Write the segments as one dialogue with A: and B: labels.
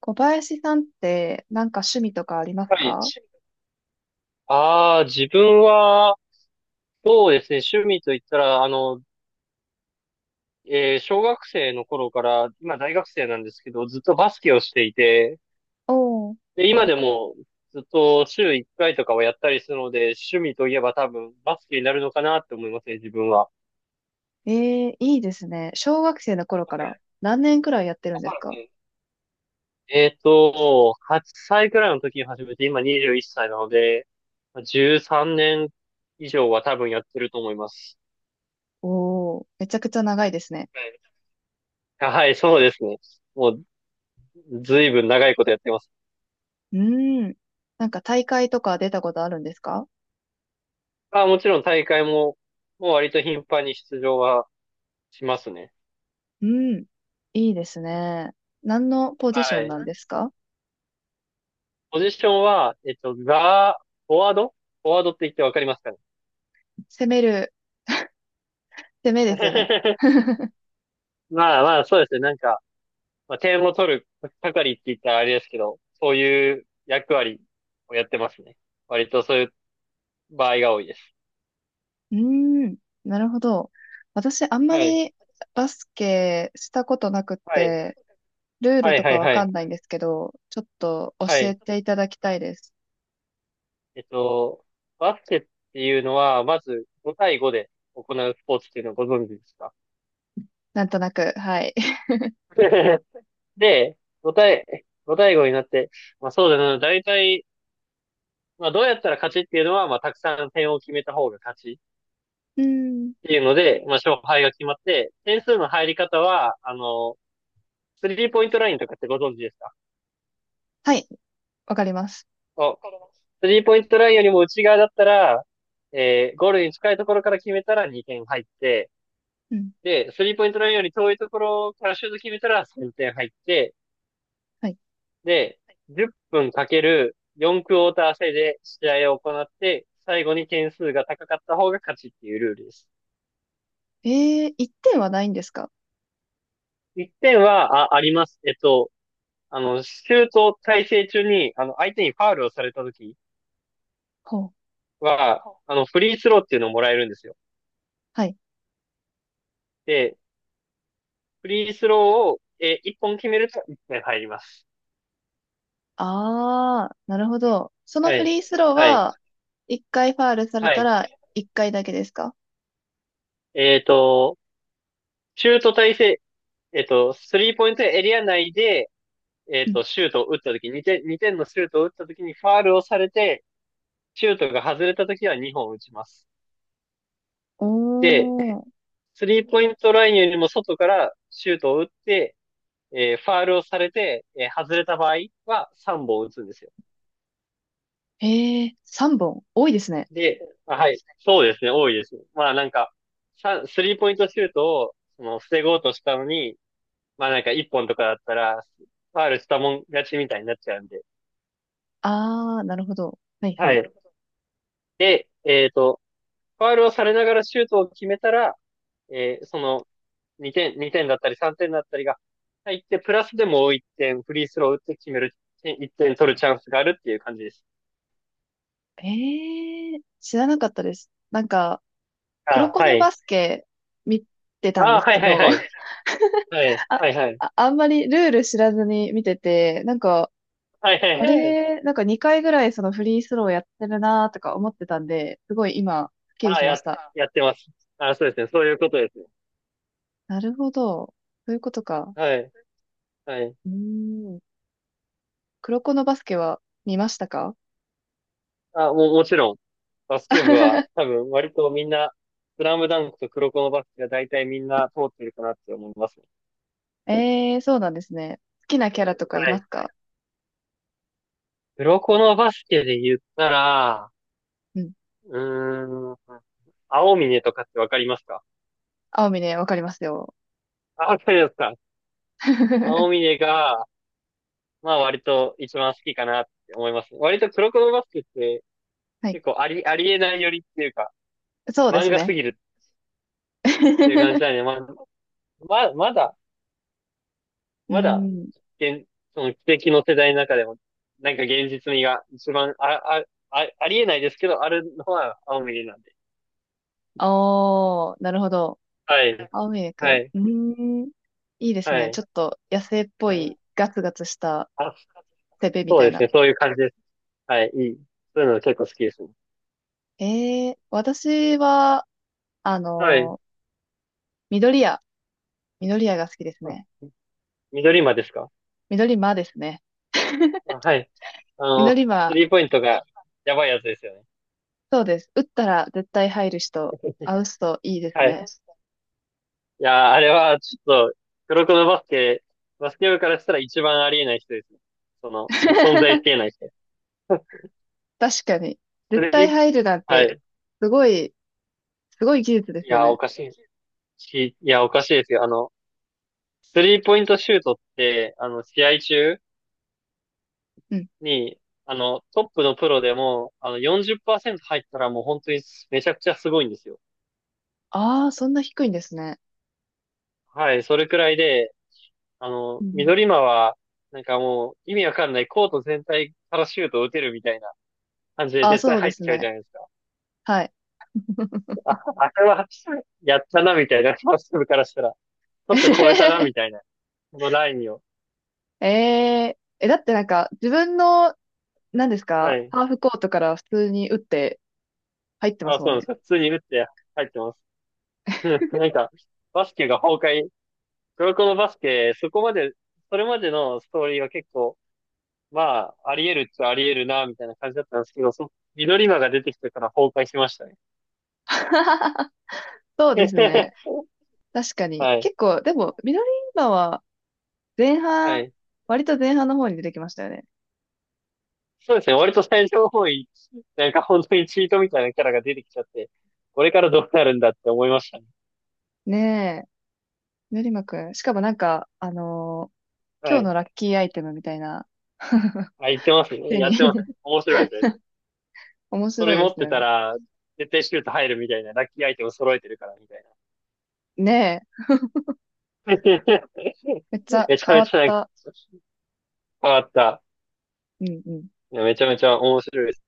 A: 小林さんってなんか趣味とかあります
B: はい。
A: か？
B: ああ、自分は、そうですね、趣味と言ったら、小学生の頃から、今大学生なんですけど、ずっとバスケをしていて、
A: おおー。
B: で、今でもずっと週1回とかはやったりするので、趣味といえば多分バスケになるのかなって思いますね、自分は。
A: ええ、いいですね。小学生の頃から何年くらいやってるんですか？
B: 8歳くらいの時に始めて、今21歳なので、13年以上は多分やってると思います。
A: おおー、めちゃくちゃ長いですね。
B: はい、はいそうですね。もうずいぶん長いことやってます。
A: うーん。なんか大会とか出たことあるんですか？
B: あ、もちろん大会も、もう割と頻繁に出場はしますね。
A: うん。いいですね。何のポジショ
B: は
A: ン
B: い。
A: なんですか？
B: ポジションは、フォワードフォワードって言ってわかりますかね？
A: 攻める、攻めですよね。
B: まあまあ、そうですね。なんか、まあ、点を取る係って言ったらあれですけど、そういう役割をやってますね。割とそういう場合が多いです。
A: うーん。なるほど。私あんま
B: はい。
A: りバスケしたことなくっ
B: はい。
A: て、ルール
B: はい
A: と
B: は
A: か
B: い
A: わ
B: は
A: か
B: い。
A: んないんですけど、ちょっと
B: は
A: 教え
B: い。
A: ていただきたいです。
B: えっと、バスケっていうのは、まず5対5で行うスポーツっていうのをご存知ですか？
A: なんとなく、はい。
B: で、ご対ご対語になって、まあそうだな、大体、まあどうやったら勝ちっていうのは、まあたくさん点を決めた方が勝ちっ
A: うん。
B: ていうので、まあ勝敗が決まって、点数の入り方は、スリーポイントラインとかってご存知ですか？
A: はい、わかります。
B: あります。スリーポイントラインよりも内側だったら、ゴールに近いところから決めたら2点入って、
A: うん。
B: で、スリーポイントラインより遠いところからシュート決めたら3点入って、
A: はい。
B: で、10分かける4クォーター制で試合を行って、最後に点数が高かった方が勝ちっていうルールです。
A: えー、1点はないんですか？
B: 1点は、あ、あります。シュート体制中に、相手にファウルをされた時
A: ほう。
B: は、フリースローっていうのをもらえるんですよ。
A: はい。
B: で、フリースローを、1本決めると1点入ります。
A: あー、なるほど。その
B: は
A: フ
B: い。
A: リースロー
B: はい。
A: は、1回ファールされ
B: は
A: た
B: い。
A: ら1回だけですか？
B: えっと、シュート体制、スリーポイントエリア内で、
A: うん。
B: シュートを打った時、2点、2点のシュートを打った時にファールをされて、シュートが外れた時は2本打ちます。
A: お
B: で、
A: ー。
B: スリーポイントラインよりも外からシュートを打って、ファールをされて、外れた場合は3本打つんですよ。
A: えー、3本。多いですね。
B: で、あ、はい。そうですね、多いですね。まあなんか、スリーポイントシュートを、その、防ごうとしたのに、まあなんか1本とかだったら、ファールしたもん勝ちみたいになっちゃうんで。
A: あー、なるほど。はいは
B: は
A: い。
B: い。で、ファールをされながらシュートを決めたら、その、2点、2点だったり3点だったりが入って、プラスでもう1点フリースロー打って決める、1点取るチャンスがあるっていう感じです。
A: えー、知らなかったです。なんか、黒
B: あ、
A: 子
B: は
A: の
B: い。
A: バスケ見てたんで
B: あ、
A: す
B: はい
A: け
B: はい
A: ど、
B: はい。はい、
A: あ、
B: はいはい。
A: あ、あんまりルール知らずに見てて、なんか、
B: はいはい
A: あ
B: はい。
A: れ、なんか2回ぐらいそのフリースローやってるなとか思ってたんで、すごい今、スッキリ
B: あ、
A: しま
B: や、
A: した。
B: やってます。あ、そうですね。そういうことですね。
A: なるほど。そういうことか。
B: はい、はい。
A: うーん。黒子のバスケは見ましたか？
B: あ、もう、もちろん、バスケ部は多分割とみんな、スラムダンクと黒子のバスケが大体みんな通ってるかなって思いますね。
A: ええー、そうなんですね。好きなキャラとかい
B: は
A: ま
B: い。
A: すか？
B: 黒子のバスケで言ったら、
A: うん。
B: うーん。青峰とかってわかりますか？
A: 青峰、わかりますよ。
B: あ、わかりますか？青
A: は
B: 峰が、まあ割と一番好きかなって思います。割とクロコロバスケって
A: い。
B: 結構ありえないよりっていうか、
A: そうで
B: 漫
A: す
B: 画す
A: ね。
B: ぎるっていう感 じなんで、まあ、まだ、
A: うー
B: まだ、
A: ん。
B: 現、その奇跡の世代の中でも、なんか現実味が一番、ありえないですけど、あるのは青峰なんで。
A: おー、なるほど。
B: はい、
A: 青ミル
B: は
A: ク。
B: い、
A: うーん。いいです
B: は
A: ね。ち
B: い、
A: ょっと野生っぽ
B: はい。
A: いガツガツした
B: あ、
A: セベみ
B: そ
A: た
B: う
A: い
B: です
A: な。
B: ね、そういう感じです。はい、いい。そういうの結構好きですね。
A: えー、私は、あ
B: はい。
A: のー緑屋。緑屋が好きですね。
B: 緑馬ですか？
A: 緑間ですね。
B: あ、はい。あの、
A: 緑
B: ス
A: 間、
B: リーポイントがやばいやつですよね。
A: そうです。打ったら絶対入る人、あう人いいです
B: はい。
A: ね。
B: いやー、あれはちょっと、黒子のバスケ、バスケ部からしたら一番ありえない人ですね。その、存在しきれ ない人。
A: 確かに。
B: ス
A: 絶対
B: リー、
A: 入るなん
B: は
A: て、
B: い。
A: すごい、すごい技術で
B: い
A: すよ
B: やー、お
A: ね。
B: かしいし、いや、おかしいですよ。スリーポイントシュートって、試合中
A: うん。
B: に、トップのプロでも、40%入ったらもう本当にめちゃくちゃすごいんですよ。
A: ああ、そんな低いんですね。
B: はい、それくらいで、
A: うん。
B: 緑間は、なんかもう、意味わかんない、コート全体からシュートを打てるみたいな感じで
A: ああ、
B: 絶対
A: そうで
B: 入っ
A: す
B: ちゃうじ
A: ね。
B: ゃないですか。
A: はい。
B: あ、あれは、やったな、みたいな、ファースト部からしたら。ちょっと超えたな、みたいな。このラインを。
A: ええー、え、だってなんか、自分の、何です
B: は
A: か、
B: い。
A: ハーフコートから普通に打って入ってま
B: あ、
A: すも
B: そ
A: ん
B: うなんです
A: ね。
B: か。普通に打って入ってます。なんか、バスケが崩壊。黒子のバスケ、そこまで、それまでのストーリーは結構、まあ、あり得るっちゃあり得るな、みたいな感じだったんですけど、緑間が出てきてから崩壊しましたね。
A: そうですね。確かに。
B: はい。
A: 結構、でも、ミドリンバは前
B: は
A: 半、
B: い。
A: 割と前半の方に出てきましたよね。
B: そうですね。割と最初の方位、なんか本当にチートみたいなキャラが出てきちゃって、これからどうなるんだって思いましたね。
A: ねえ、ミドリンバくん。しかもなんか、
B: は
A: 今日
B: い。
A: のラッキーアイテムみたいな、
B: あ、言ってますね。
A: 手
B: や
A: に
B: ってますね。面白いですね。
A: 面
B: そ
A: 白
B: れ
A: いで
B: 持っ
A: す
B: て
A: よ
B: た
A: ね。
B: ら、絶対シュート入るみたいな、ラッキーアイテム揃えてるからみたいな。
A: ねえ、
B: めちゃ
A: めっちゃ
B: めちゃ
A: 変わっ
B: なんか、
A: た。
B: 変わった。
A: うんうん。
B: いやめちゃめちゃ面白いです。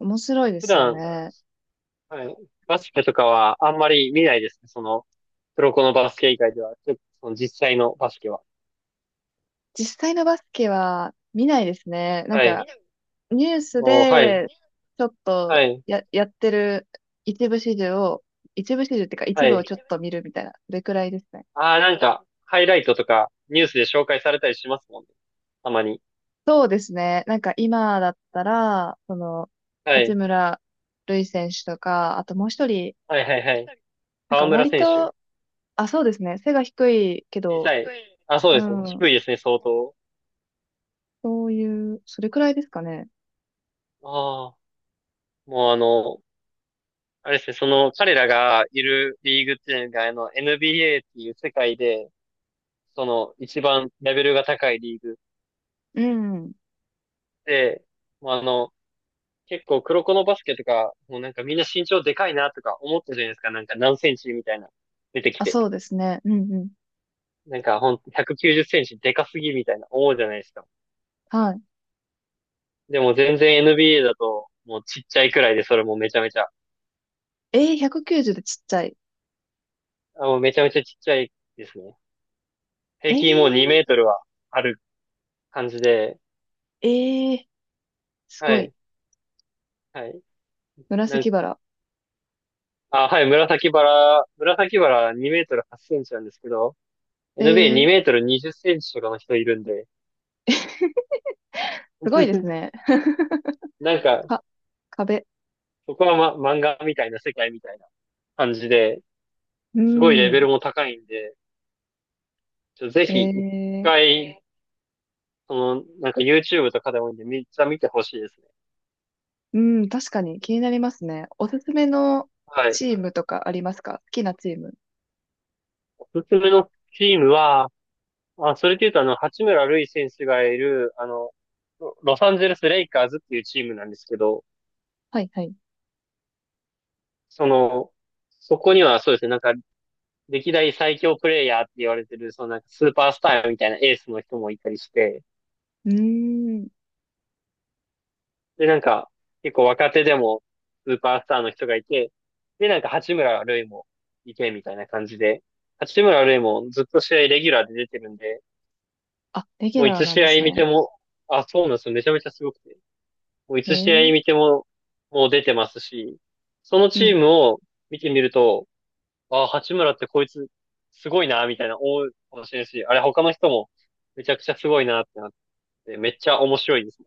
A: 面白いで
B: 普
A: すよ
B: 段、
A: ね。
B: はい、バスケとかはあんまり見ないですね。その、黒子のバスケ以外では、ちょっとその実際のバスケは。
A: 実際のバスケは見ないですね。なん
B: はい。見
A: か、
B: ない
A: ニュース
B: お、はい。
A: で、ちょっと
B: はい。
A: や、やってる一部始終を、一部始終っていうか一
B: は
A: 部を
B: い。
A: ちょっと見るみたいな、それくらいですね。
B: ああ、なんか、ハイライトとか、ニュースで紹介されたりしますもんね。たまに。
A: そうですね。なんか今だったら、その、
B: は
A: 八
B: い。
A: 村塁選手とか、あともう一人、
B: はいはいはい。
A: なん
B: 河
A: か
B: 村
A: 割
B: 選手。
A: と、あ、そうですね。背が低いけ
B: 小
A: ど、
B: さい。あ、そう
A: う
B: ですね。
A: ん、
B: 低いですね、相当。
A: そういう、それくらいですかね。
B: ああ、もうあれですね、その、彼らがいるリーグっていうのが、NBA っていう世界で、その、一番レベルが高いリーグ
A: うん。
B: で、もう結構黒子のバスケとか、もうなんかみんな身長でかいなとか思ったじゃないですか、なんか何センチみたいな、出てき
A: あ、
B: て。
A: そうですね。うんうん。
B: なんかほんと190センチでかすぎみたいな思うじゃないですか。
A: はい。
B: でも全然 NBA だともうちっちゃいくらいでそれもめちゃめちゃ、
A: えー、190でちっちゃい。
B: あもうめちゃめちゃちっちゃいですね。
A: え
B: 平
A: ー、
B: 均もう2メートルはある感じで、
A: えー、す
B: は
A: ごい。
B: い、はい。なん
A: 紫バラ、
B: あ、はい、紫バラ2メートル8センチなんですけど、
A: え
B: NBA2
A: ー、
B: メートル20センチとかの人いるんで、
A: すごいです ね。
B: なん か、
A: か、壁。
B: そこは、ま、漫画みたいな世界みたいな感じで、
A: う
B: すごいレ
A: ん。
B: ベルも高いんで、ぜ
A: え
B: ひ一
A: ー、
B: 回その、なんか YouTube とかでもいいんで、めっちゃ見てほしいですね。
A: うん、確かに気になりますね。おすすめの
B: はい。
A: チームとかありますか？好きなチーム。
B: おすすめのチームは、あ、それで言うとあの、八村塁選手がいる、あの、ロサンゼルス・レイカーズっていうチームなんですけど、
A: はい、はい。
B: その、そこにはそうですね、なんか、歴代最強プレイヤーって言われてる、そのなんかスーパースターみたいなエースの人もいたりして、
A: うーん。
B: で、なんか、結構若手でもスーパースターの人がいて、で、なんか八村塁もいてみたいな感じで、八村塁もずっと試合レギュラーで出てるんで、
A: あ、レギュ
B: もうい
A: ラー
B: つ
A: なん
B: 試
A: です
B: 合見て
A: ね。
B: も、あ、そうなんですよ。めちゃめちゃすごくて。もうい
A: え
B: つ試合
A: ー、
B: 見ても、もう出てますし、その
A: う
B: チー
A: ん。
B: ムを見てみると、あ、八村ってこいつ、すごいな、みたいな思うかもしれないし、あれ他の人もめちゃくちゃすごいなってなって、めっちゃ面白いです。